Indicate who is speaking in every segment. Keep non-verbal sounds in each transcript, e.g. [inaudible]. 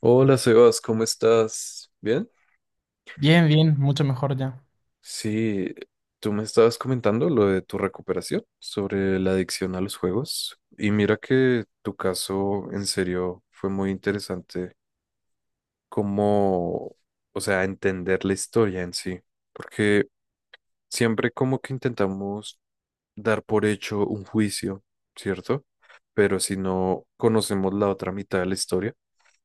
Speaker 1: Hola Sebas, ¿cómo estás? ¿Bien?
Speaker 2: Bien, bien, mucho mejor ya.
Speaker 1: Sí, tú me estabas comentando lo de tu recuperación sobre la adicción a los juegos y mira que tu caso en serio fue muy interesante como, o sea, entender la historia en sí, porque siempre como que intentamos dar por hecho un juicio, ¿cierto? Pero si no conocemos la otra mitad de la historia,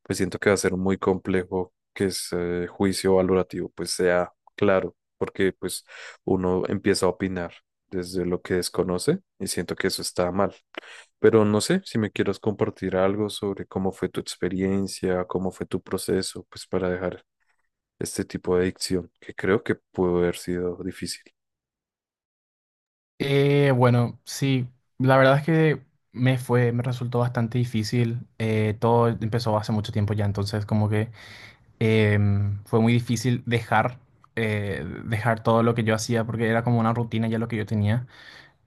Speaker 1: pues siento que va a ser muy complejo que ese juicio valorativo pues sea claro, porque pues uno empieza a opinar desde lo que desconoce y siento que eso está mal. Pero no sé si me quieras compartir algo sobre cómo fue tu experiencia, cómo fue tu proceso, pues para dejar este tipo de adicción, que creo que pudo haber sido difícil.
Speaker 2: Bueno, sí, la verdad es que me resultó bastante difícil. Todo empezó hace mucho tiempo ya, entonces como que fue muy difícil dejar, dejar todo lo que yo hacía porque era como una rutina ya lo que yo tenía.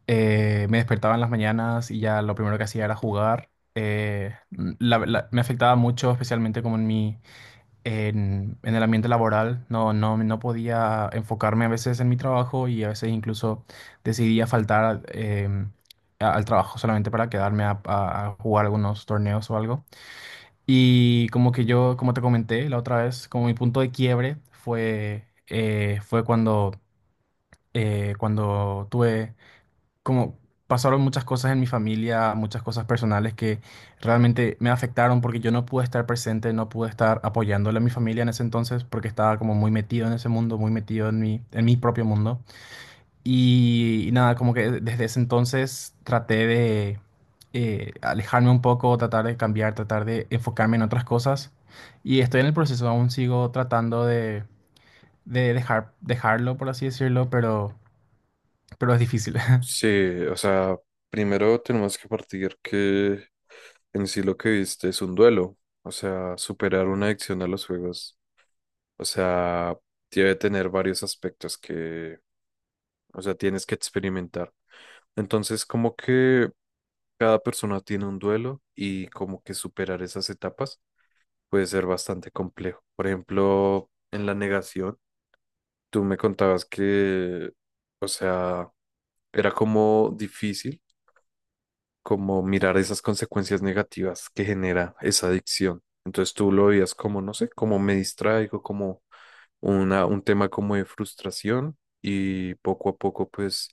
Speaker 2: Me despertaba en las mañanas y ya lo primero que hacía era jugar. eh, Me afectaba mucho, especialmente como en en el ambiente laboral. No podía enfocarme a veces en mi trabajo y a veces incluso decidía faltar al trabajo solamente para quedarme a jugar algunos torneos o algo. Y como que yo, como te comenté la otra vez, como mi punto de quiebre fue, cuando tuve, como, pasaron muchas cosas en mi familia, muchas cosas personales que realmente me afectaron porque yo no pude estar presente, no pude estar apoyándole a mi familia en ese entonces porque estaba como muy metido en ese mundo, muy metido en en mi propio mundo. Y nada, como que desde ese entonces traté de alejarme un poco, tratar de cambiar, tratar de enfocarme en otras cosas. Y estoy en el proceso, aún sigo tratando de dejar, dejarlo, por así decirlo, pero es difícil. [laughs]
Speaker 1: Sí, o sea, primero tenemos que partir que en sí lo que viste es un duelo, o sea, superar una adicción a los juegos, o sea, debe tener varios aspectos que, o sea, tienes que experimentar. Entonces, como que cada persona tiene un duelo y como que superar esas etapas puede ser bastante complejo. Por ejemplo, en la negación, tú me contabas que, o sea, era como difícil como mirar esas consecuencias negativas que genera esa adicción. Entonces tú lo veías como, no sé, como me distraigo, como un tema como de frustración y poco a poco pues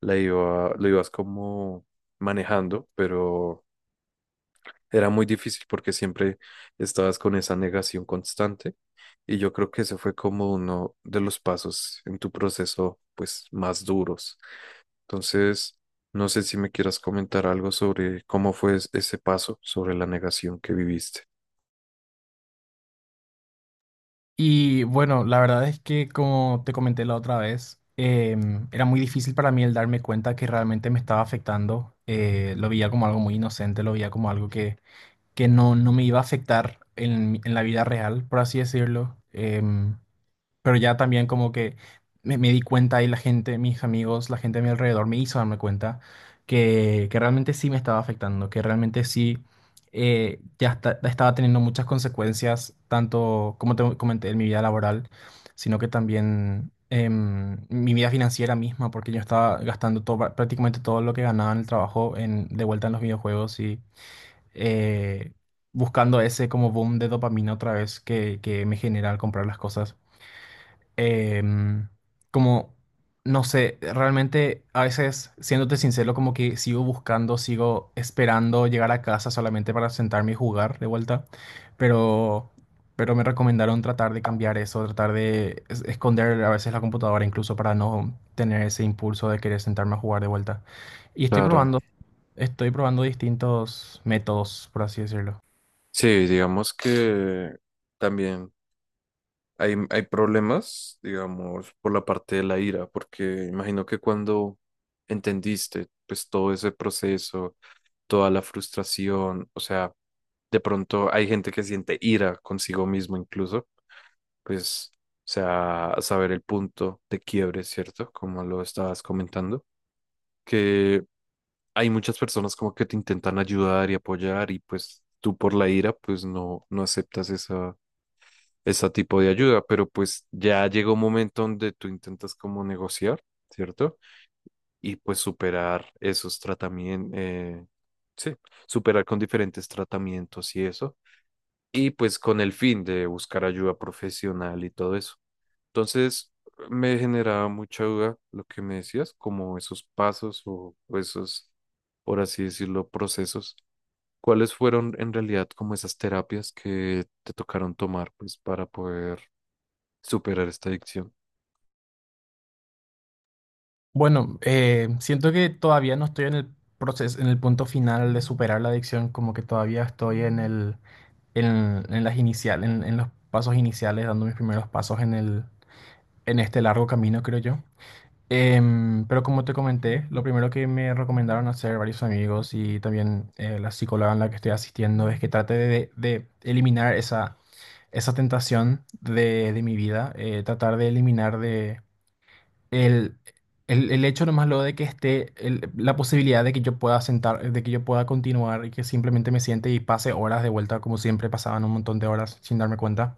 Speaker 1: lo ibas como manejando, pero era muy difícil porque siempre estabas con esa negación constante y yo creo que ese fue como uno de los pasos en tu proceso pues más duros. Entonces, no sé si me quieras comentar algo sobre cómo fue ese paso, sobre la negación que viviste.
Speaker 2: Y bueno, la verdad es que como te comenté la otra vez, era muy difícil para mí el darme cuenta que realmente me estaba afectando. Lo veía como algo muy inocente, lo veía como algo que, no me iba a afectar en la vida real, por así decirlo. Pero ya también como que me di cuenta y la gente, mis amigos, la gente a mi alrededor me hizo darme cuenta que realmente sí me estaba afectando, que realmente sí ya estaba teniendo muchas consecuencias, tanto como te comenté en mi vida laboral, sino que también en mi vida financiera misma, porque yo estaba gastando todo, prácticamente todo lo que ganaba en el trabajo en, de vuelta en los videojuegos y eh, buscando ese como boom de dopamina otra vez que me genera al comprar las cosas, em, como, no sé, realmente a veces, siéndote sincero, como que sigo buscando, sigo esperando llegar a casa solamente para sentarme y jugar de vuelta, pero, pero me recomendaron tratar de cambiar eso, tratar de esconder a veces la computadora incluso para no tener ese impulso de querer sentarme a jugar de vuelta. Y
Speaker 1: Claro.
Speaker 2: estoy probando distintos métodos, por así decirlo.
Speaker 1: Sí, digamos que también hay problemas, digamos, por la parte de la ira, porque imagino que cuando entendiste, pues todo ese proceso, toda la frustración, o sea, de pronto hay gente que siente ira consigo mismo incluso, pues, o sea, saber el punto de quiebre, ¿cierto? Como lo estabas comentando, que hay muchas personas como que te intentan ayudar y apoyar y pues tú por la ira pues no, no aceptas esa, ese tipo de ayuda, pero pues ya llega un momento donde tú intentas como negociar, ¿cierto? Y pues superar esos tratamientos, sí, superar con diferentes tratamientos y eso, y pues con el fin de buscar ayuda profesional y todo eso. Entonces me generaba mucha duda lo que me decías, como esos pasos o esos, por así decirlo, procesos. ¿Cuáles fueron en realidad como esas terapias que te tocaron tomar pues para poder superar esta adicción?
Speaker 2: Bueno, siento que todavía no estoy en el proceso, en el punto final de superar la adicción, como que todavía estoy en en, en las inicial, en los pasos iniciales, dando mis primeros pasos en en este largo camino, creo yo. Pero como te comenté, lo primero que me recomendaron hacer varios amigos y también la psicóloga en la que estoy asistiendo es que trate de eliminar esa, esa tentación de mi vida, tratar de eliminar el, el hecho nomás lo de que esté la posibilidad de que yo pueda sentar, de que yo pueda continuar y que simplemente me siente y pase horas de vuelta como siempre pasaban un montón de horas sin darme cuenta,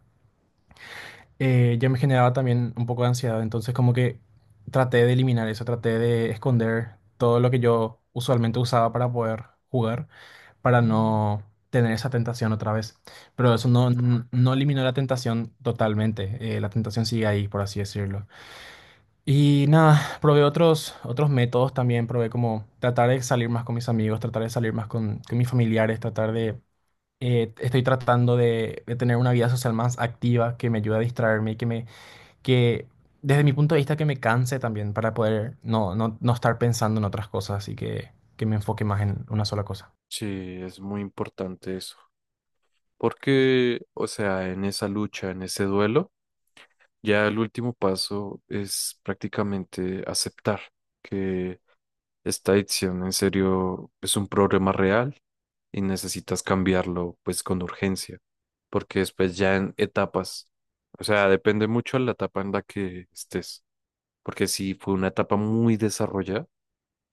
Speaker 2: ya me generaba también un poco de ansiedad. Entonces como que traté de eliminar eso, traté de esconder todo lo que yo usualmente usaba para poder jugar, para no tener esa tentación otra vez. Pero eso no eliminó la tentación totalmente. La tentación sigue ahí, por así decirlo. Y nada, probé otros, otros métodos también, probé como tratar de salir más con mis amigos, tratar de salir más con mis familiares, tratar de... Estoy tratando de tener una vida social más activa que me ayude a distraerme y que me... que desde mi punto de vista que me canse también para poder no estar pensando en otras cosas y que me enfoque más en una sola cosa.
Speaker 1: Sí, es muy importante eso, porque, o sea, en esa lucha, en ese duelo, ya el último paso es prácticamente aceptar que esta adicción en serio es un problema real y necesitas cambiarlo pues con urgencia, porque después ya en etapas, o sea, depende mucho de la etapa en la que estés, porque si fue una etapa muy desarrollada,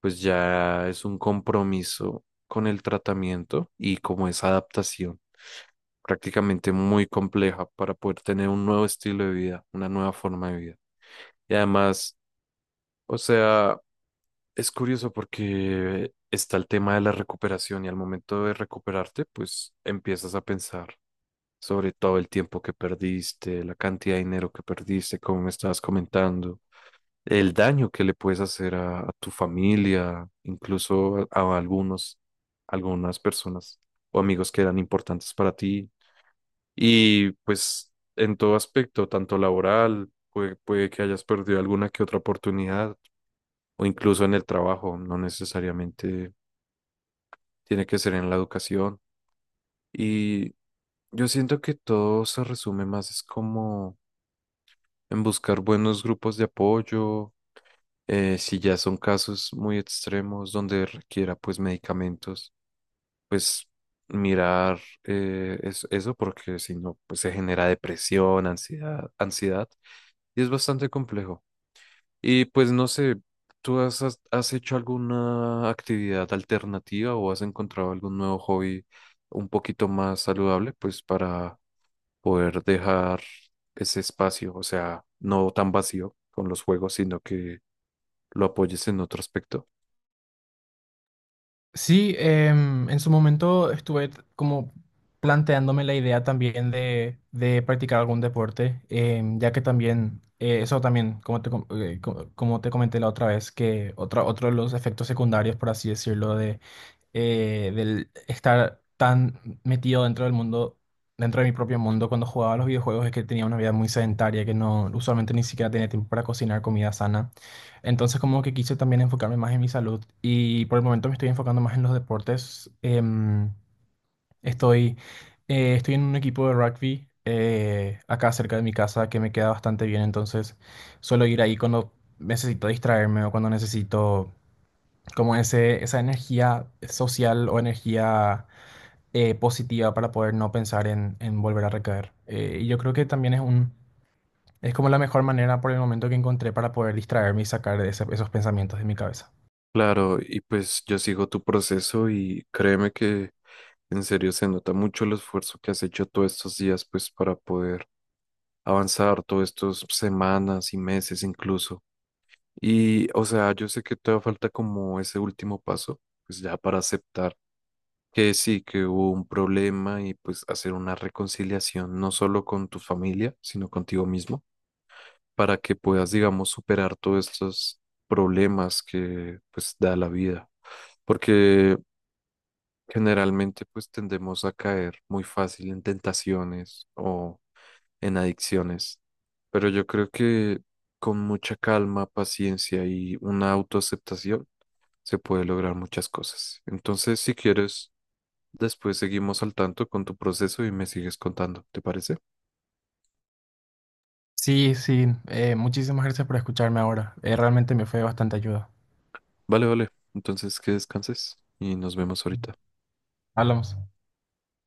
Speaker 1: pues ya es un compromiso con el tratamiento y como esa adaptación prácticamente muy compleja para poder tener un nuevo estilo de vida, una nueva forma de vida. Y además, o sea, es curioso porque está el tema de la recuperación y al momento de recuperarte, pues empiezas a pensar sobre todo el tiempo que perdiste, la cantidad de dinero que perdiste, como me estabas comentando, el daño que le puedes hacer a tu familia, incluso a algunos, algunas personas o amigos que eran importantes para ti. Y pues en todo aspecto, tanto laboral, puede que hayas perdido alguna que otra oportunidad o incluso en el trabajo, no necesariamente tiene que ser en la educación. Y yo siento que todo se resume más, es como en buscar buenos grupos de apoyo, si ya son casos muy extremos donde requiera pues medicamentos, pues mirar eso porque si no, pues se genera depresión, ansiedad, ansiedad, y es bastante complejo. Y pues no sé, ¿tú has hecho alguna actividad alternativa o has encontrado algún nuevo hobby un poquito más saludable, pues para poder dejar ese espacio, o sea, no tan vacío con los juegos, sino que lo apoyes en otro aspecto?
Speaker 2: Sí, en su momento estuve como planteándome la idea también de practicar algún deporte, ya que también, eso también, como te comenté la otra vez, que otro de los efectos secundarios, por así decirlo, de, del estar tan metido dentro del mundo, dentro de mi propio mundo cuando jugaba a los videojuegos, es que tenía una vida muy sedentaria, que no, usualmente ni siquiera tenía tiempo para cocinar comida sana. Entonces como que quise también enfocarme más en mi salud y por el momento me estoy enfocando más en los deportes. Estoy, Estoy en un equipo de rugby acá cerca de mi casa que me queda bastante bien, entonces suelo ir ahí cuando necesito distraerme o cuando necesito como esa energía social o energía positiva para poder no pensar en volver a recaer. Y yo creo que también es como la mejor manera por el momento que encontré para poder distraerme y sacar esos pensamientos de mi cabeza.
Speaker 1: Claro, y pues yo sigo tu proceso y créeme que en serio se nota mucho el esfuerzo que has hecho todos estos días, pues para poder avanzar todos estos semanas y meses incluso. Y, o sea, yo sé que todavía falta como ese último paso, pues ya para aceptar que sí, que hubo un problema y pues hacer una reconciliación, no solo con tu familia, sino contigo mismo, para que puedas, digamos, superar todos estos problemas que pues da la vida. Porque generalmente pues tendemos a caer muy fácil en tentaciones o en adicciones, pero yo creo que con mucha calma, paciencia y una autoaceptación, se puede lograr muchas cosas. Entonces, si quieres, después seguimos al tanto con tu proceso y me sigues contando, ¿te parece?
Speaker 2: Sí, sí, muchísimas gracias por escucharme ahora. Realmente me fue de bastante ayuda.
Speaker 1: Vale, vale. Entonces, que descanses y nos vemos ahorita.
Speaker 2: Hablamos.